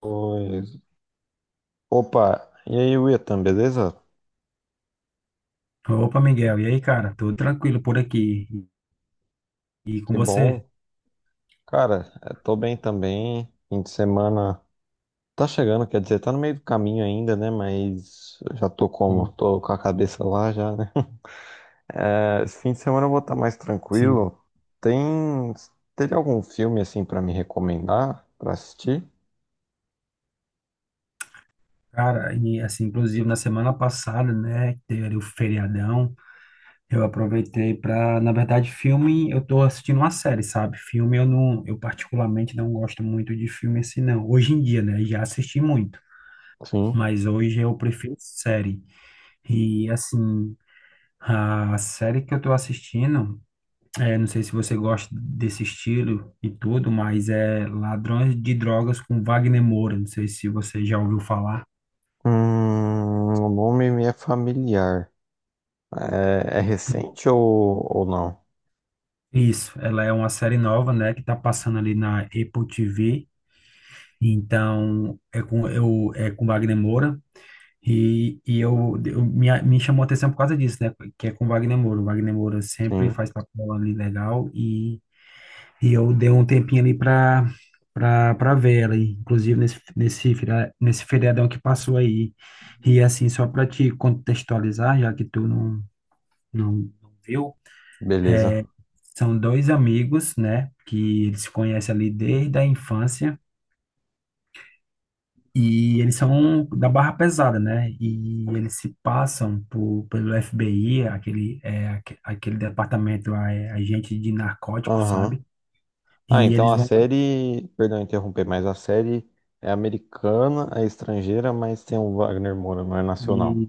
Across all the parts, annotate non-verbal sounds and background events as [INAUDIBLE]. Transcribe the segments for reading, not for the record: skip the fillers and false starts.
Pois. Opa, e aí, Wietan, beleza? Opa, Miguel, e aí, cara? Tudo tranquilo por aqui? E com Que você? bom. Cara, tô bem também. Fim de semana tá chegando, quer dizer, tá no meio do caminho ainda, né? Mas eu já tô como? Sim. Tô com a cabeça lá já, né? [LAUGHS] Esse fim de semana eu vou estar mais Sim. tranquilo. Tem. Teve algum filme assim pra me recomendar pra assistir? Cara, e assim, inclusive na semana passada, né, que teve ali o feriadão, eu aproveitei pra, na verdade, filme, eu tô assistindo uma série, sabe? Filme eu particularmente não gosto muito de filme assim, não. Hoje em dia, né, já assisti muito, Sim. mas hoje eu prefiro série. E assim, a série que eu tô assistindo. É, não sei se você gosta desse estilo e tudo, mas é Ladrões de Drogas com Wagner Moura. Não sei se você já ouviu falar. O nome me é familiar. É, é recente ou não? Isso, ela é uma série nova, né, que tá passando ali na Apple TV. Então, é com eu é com Wagner Moura, e me chamou a atenção por causa disso, né, que é com Wagner Moura. O Wagner Moura sempre Sim, faz papel ali legal. E eu dei um tempinho ali pra ver ela, e, inclusive nesse feriadão que passou aí. E assim, só pra te contextualizar, já que tu não, não, não viu, beleza. são dois amigos, né, que eles se conhecem ali desde a infância, e eles são da barra pesada, né, e eles se passam por, pelo FBI, aquele, é, aquele departamento lá, é agente de narcóticos, Aham. sabe? Ah, E então eles a vão... série, perdão interromper, mas a série é americana, é estrangeira, mas tem o Wagner Moura, não é nacional. e-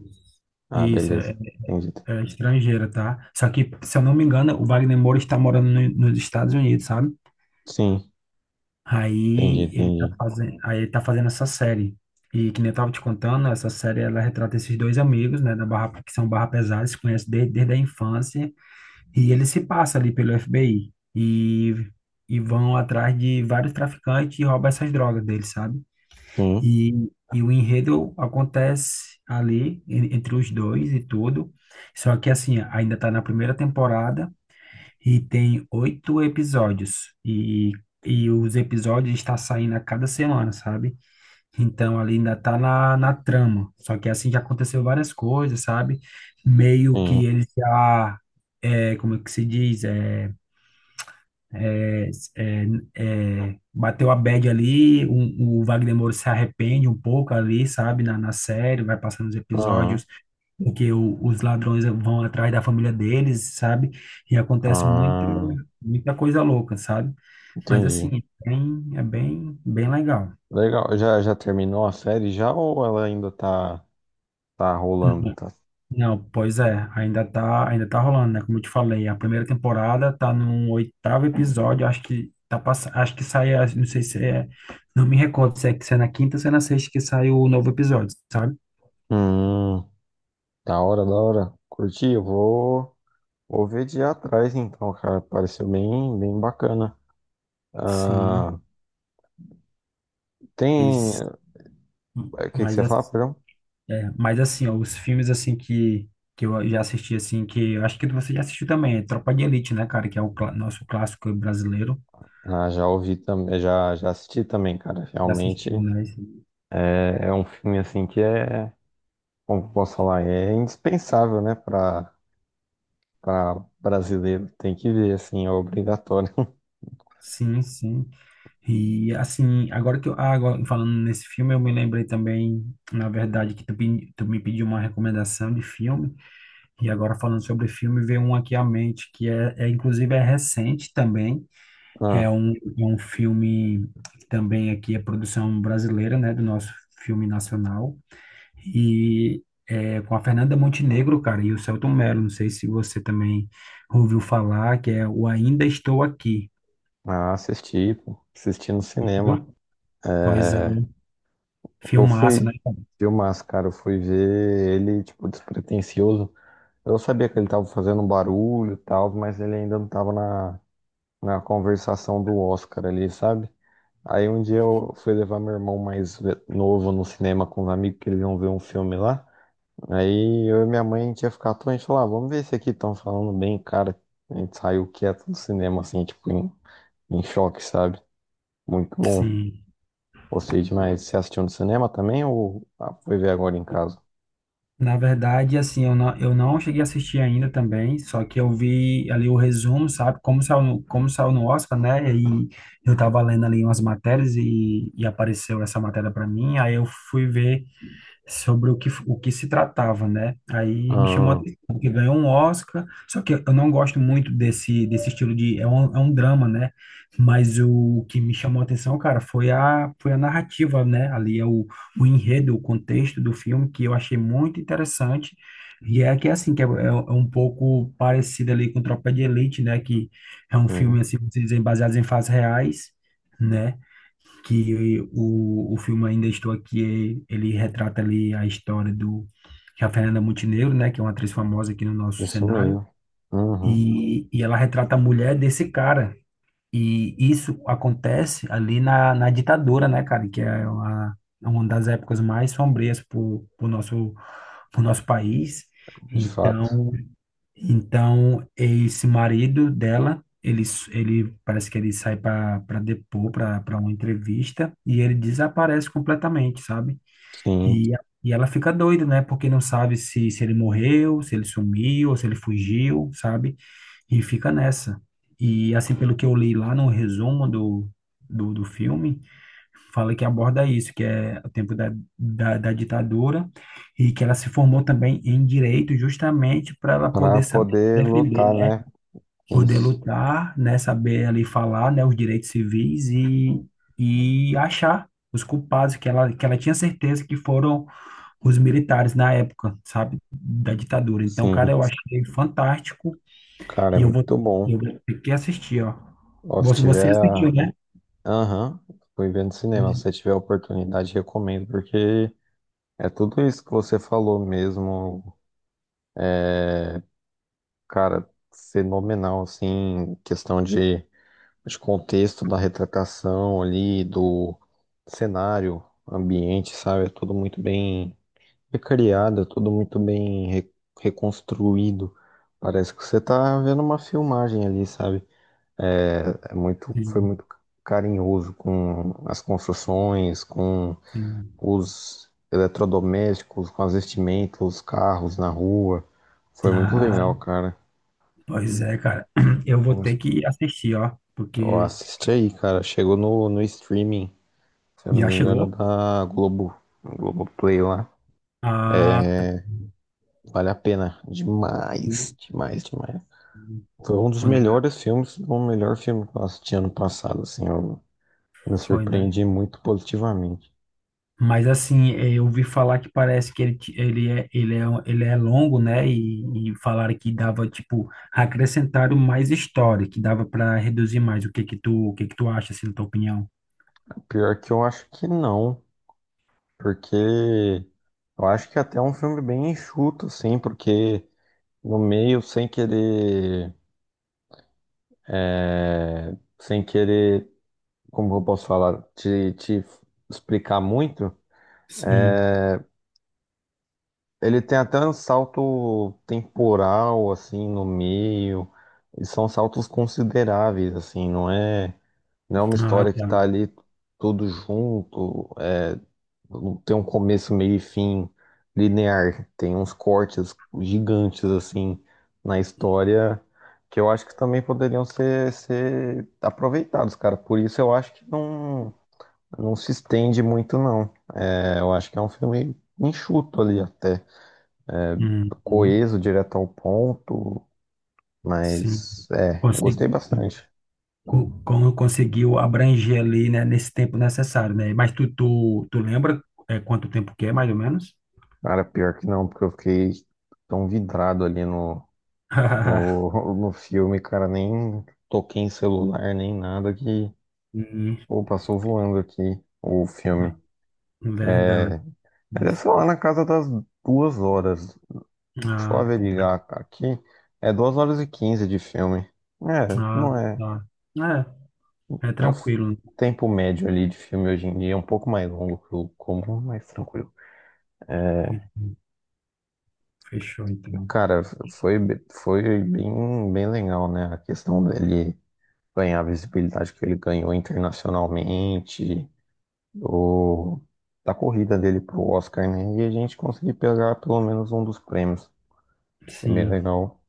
Ah, isso, é. beleza. Entendi. É estrangeira, tá? Só que, se eu não me engano, o Wagner Moura está morando nos Estados Unidos, sabe? Sim, entendi, Aí ele tá entendi. fazendo, aí ele tá fazendo essa série. E que nem eu tava te contando, essa série ela retrata esses dois amigos, né, da Barra, que são Barra Pesada, se conhecem desde a infância, e ele se passa ali pelo FBI e vão atrás de vários traficantes e roubam essas drogas deles, sabe? Sim, E, e o enredo acontece ali entre os dois e tudo. Só que assim, ainda tá na primeira temporada. E tem oito episódios. E os episódios estão saindo a cada semana, sabe? Então ali ainda tá na trama. Só que assim já aconteceu várias coisas, sabe? Meio que sim. ele já. É, como é que se diz? É, é, bateu a bad ali. O Wagner Moura se arrepende um pouco ali, sabe? Na série, vai passando os Aham. episódios em que os ladrões vão atrás da família deles, sabe? E acontece Ah, muita coisa louca, sabe? Mas assim, entendi. Bem legal. Legal. Já terminou a série já ou ela ainda tá, tá rolando? Não, Tá? não, pois é, ainda tá rolando, né? Como eu te falei, a primeira temporada tá no oitavo episódio, acho que tá pass... acho que sai, não sei se é, não me recordo se é, se é na quinta ou se é na sexta que sai o novo episódio, sabe? Hum, da hora, da hora. Curti, vou ver de ir atrás então, cara. Pareceu bem, bem bacana. Sim, Ah, tem. mas, O que que mas você fala, assim. perdão? É, mas assim, ó, os filmes assim que eu já assisti assim, que eu acho que você já assistiu também, é Tropa de Elite, né, cara, que é o nosso clássico brasileiro. Ah, já ouvi também, já assisti também, cara. Já Realmente assisti, né? É, é um filme assim que é, como que eu posso falar, é indispensável, né, para brasileiro. Tem que ver, assim, é obrigatório. [LAUGHS] Sim, sim. E assim, agora, falando nesse filme, eu me lembrei também, na verdade, que tu me pediu uma recomendação de filme, e agora falando sobre filme, veio um aqui à mente, que é inclusive é recente também, é Ah, é um filme que também aqui é produção brasileira, né, do nosso filme nacional. E é com a Fernanda Montenegro, cara, e o Selton Mello. Não sei se você também ouviu falar, que é o Ainda Estou Aqui, assisti, pô, assisti no cinema. viu? Pois é, É, eu filmaço, né, fui cara? Eu fui ver ele, tipo, despretensioso. Eu sabia que ele tava fazendo um barulho e tal, mas ele ainda não tava na conversação do Oscar ali, sabe? Aí um dia eu fui levar meu irmão novo no cinema com os amigos que eles iam ver um filme lá. Aí eu e minha mãe, a gente ia ficar à toa, a gente falou, ah, vamos ver esse aqui, estão falando bem, cara. A gente saiu quieto do cinema, assim, tipo, em choque, sabe? Muito bom. Sim. Gostei demais. Você assistiu no cinema também ou ah, foi ver agora em casa? Na verdade, assim, eu não cheguei a assistir ainda também, só que eu vi ali o resumo, sabe? Como saiu, como saiu no Oscar, né? E eu tava lendo ali umas matérias e apareceu essa matéria para mim, aí eu fui ver sobre o que se tratava, né? Aí me chamou a Ah, atenção, porque ganhou um Oscar, só que eu não gosto muito desse estilo de... É é um drama, né? Mas o que me chamou a atenção, cara, foi foi a narrativa, né? Ali é o enredo, o contexto do filme, que eu achei muito interessante. E é que, é assim, que é, é é um pouco parecido ali com Tropa de Elite, né? Que é um sim. filme, assim, vamos dizer, baseado em fatos reais, né? Que o filme Ainda Estou Aqui, ele retrata ali a história do que a Fernanda Montenegro, né, que é uma atriz famosa aqui no nosso Isso cenário, mesmo. Uhum, e ela retrata a mulher desse cara. E isso acontece ali na ditadura, né, cara, que é uma das épocas mais sombrias pro pro nosso país. de fato. Então, então, esse marido dela, ele ele parece que ele sai para depor, para uma entrevista, e ele desaparece completamente, sabe? Sim. E, e ela fica doida, né? Porque não sabe se ele morreu, se ele sumiu, ou se ele fugiu, sabe? E fica nessa. E assim, pelo que eu li lá no resumo do filme, fala que aborda isso, que é o tempo da ditadura, e que ela se formou também em direito justamente para ela Pra poder saber poder defender, lutar, né? né? Poder Isso. lutar, né? Saber ali falar, né? Os direitos civis e achar os culpados, que ela tinha certeza que foram os militares na época, sabe? Da ditadura. Então, cara, Sim. eu achei fantástico Cara, é e muito bom. eu vou ter que assistir, ó. Ó, se Você, você tiver. assistiu, né? Aham, fui evento no cinema. Se você tiver a oportunidade, recomendo, porque é tudo isso que você falou mesmo, cara, fenomenal, assim, questão de contexto da retratação ali, do cenário, ambiente, sabe? É tudo muito bem recriado, é tudo muito bem reconstruído. Parece que você tá vendo uma filmagem ali, sabe? É, foi Sim, muito carinhoso com as construções, com sim. os eletrodomésticos, com as vestimentas, os carros na rua. Foi muito legal, Ah, cara. pois é, cara. [CLEARS THROAT] Eu É vou uma- ter que assistir, ó, Ó, porque assiste aí, cara. Chegou no streaming, se eu não já me engano, chegou. da Globo, Globoplay lá. Ah, tá. Vale a pena. Demais, Sim. demais, demais. Foi um dos Foi, né? melhores filmes, se não o melhor filme que eu assisti ano passado, assim. Eu me Foi, né? surpreendi muito positivamente. Mas assim, eu ouvi falar que parece que ele é, um- ele é longo, né? E falaram que dava, tipo, acrescentaram mais história, que dava para reduzir mais. O que que o que que tu acha, assim, na tua opinião? Pior que eu acho que não, porque eu acho que é até é um filme bem enxuto, assim, porque no meio sem querer, é, sem querer, como eu posso falar, te explicar muito, Sim. é, ele tem até um salto temporal assim no meio, e são saltos consideráveis assim, não é uma Ah, história que tá. tá ali tudo junto. Não tem um começo, meio e fim linear. Tem uns cortes gigantes, assim, na história, que eu acho que também poderiam ser aproveitados, cara. Por isso eu acho que não se estende muito, não. É, eu acho que é um filme enxuto ali até. É, Uhum. coeso, direto ao ponto, Sim. mas é, eu Consegui. gostei bastante. Como conseguiu abranger ali, né, nesse tempo necessário, né? Mas tu lembra é, quanto tempo que é, mais ou menos? Cara, pior que não, porque eu fiquei tão vidrado ali [LAUGHS] no filme, cara, nem toquei em celular, nem nada que. Hum. Pô, passou voando aqui o filme. Verdade, É, mas é mas... só lá na casa das 2 horas. Deixa eu Ah, tá. averiguar aqui. É 2 horas e 15 de filme. É, Ah, não é. tá. É, é É tranquilo. tempo médio ali de filme hoje em dia. É um pouco mais longo que o comum, mas tranquilo. Né? Fechou, então. Cara, foi bem, bem legal, né? A questão dele ganhar a visibilidade que ele ganhou internacionalmente. Do, da corrida dele pro Oscar, né? E a gente conseguir pegar pelo menos um dos prêmios. Achei bem Sim. legal,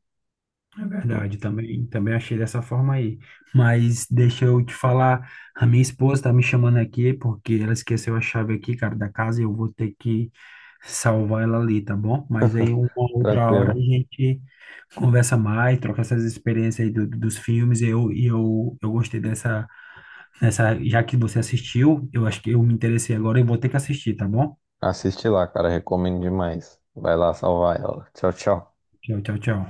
É verdade, também, também achei dessa forma aí. Mas deixa eu te falar, a minha esposa tá me chamando aqui porque ela esqueceu a chave aqui, cara, da casa e eu vou ter que salvar ela ali, tá bom? Mas aí uma outra hora a tranquilo. gente conversa mais, troca essas experiências aí dos filmes. E eu gostei dessa, já que você assistiu, eu acho que eu me interessei agora e vou ter que assistir, tá bom? Assiste lá, cara, recomendo demais. Vai lá salvar ela. Tchau, tchau. Tchau, tchau, tchau.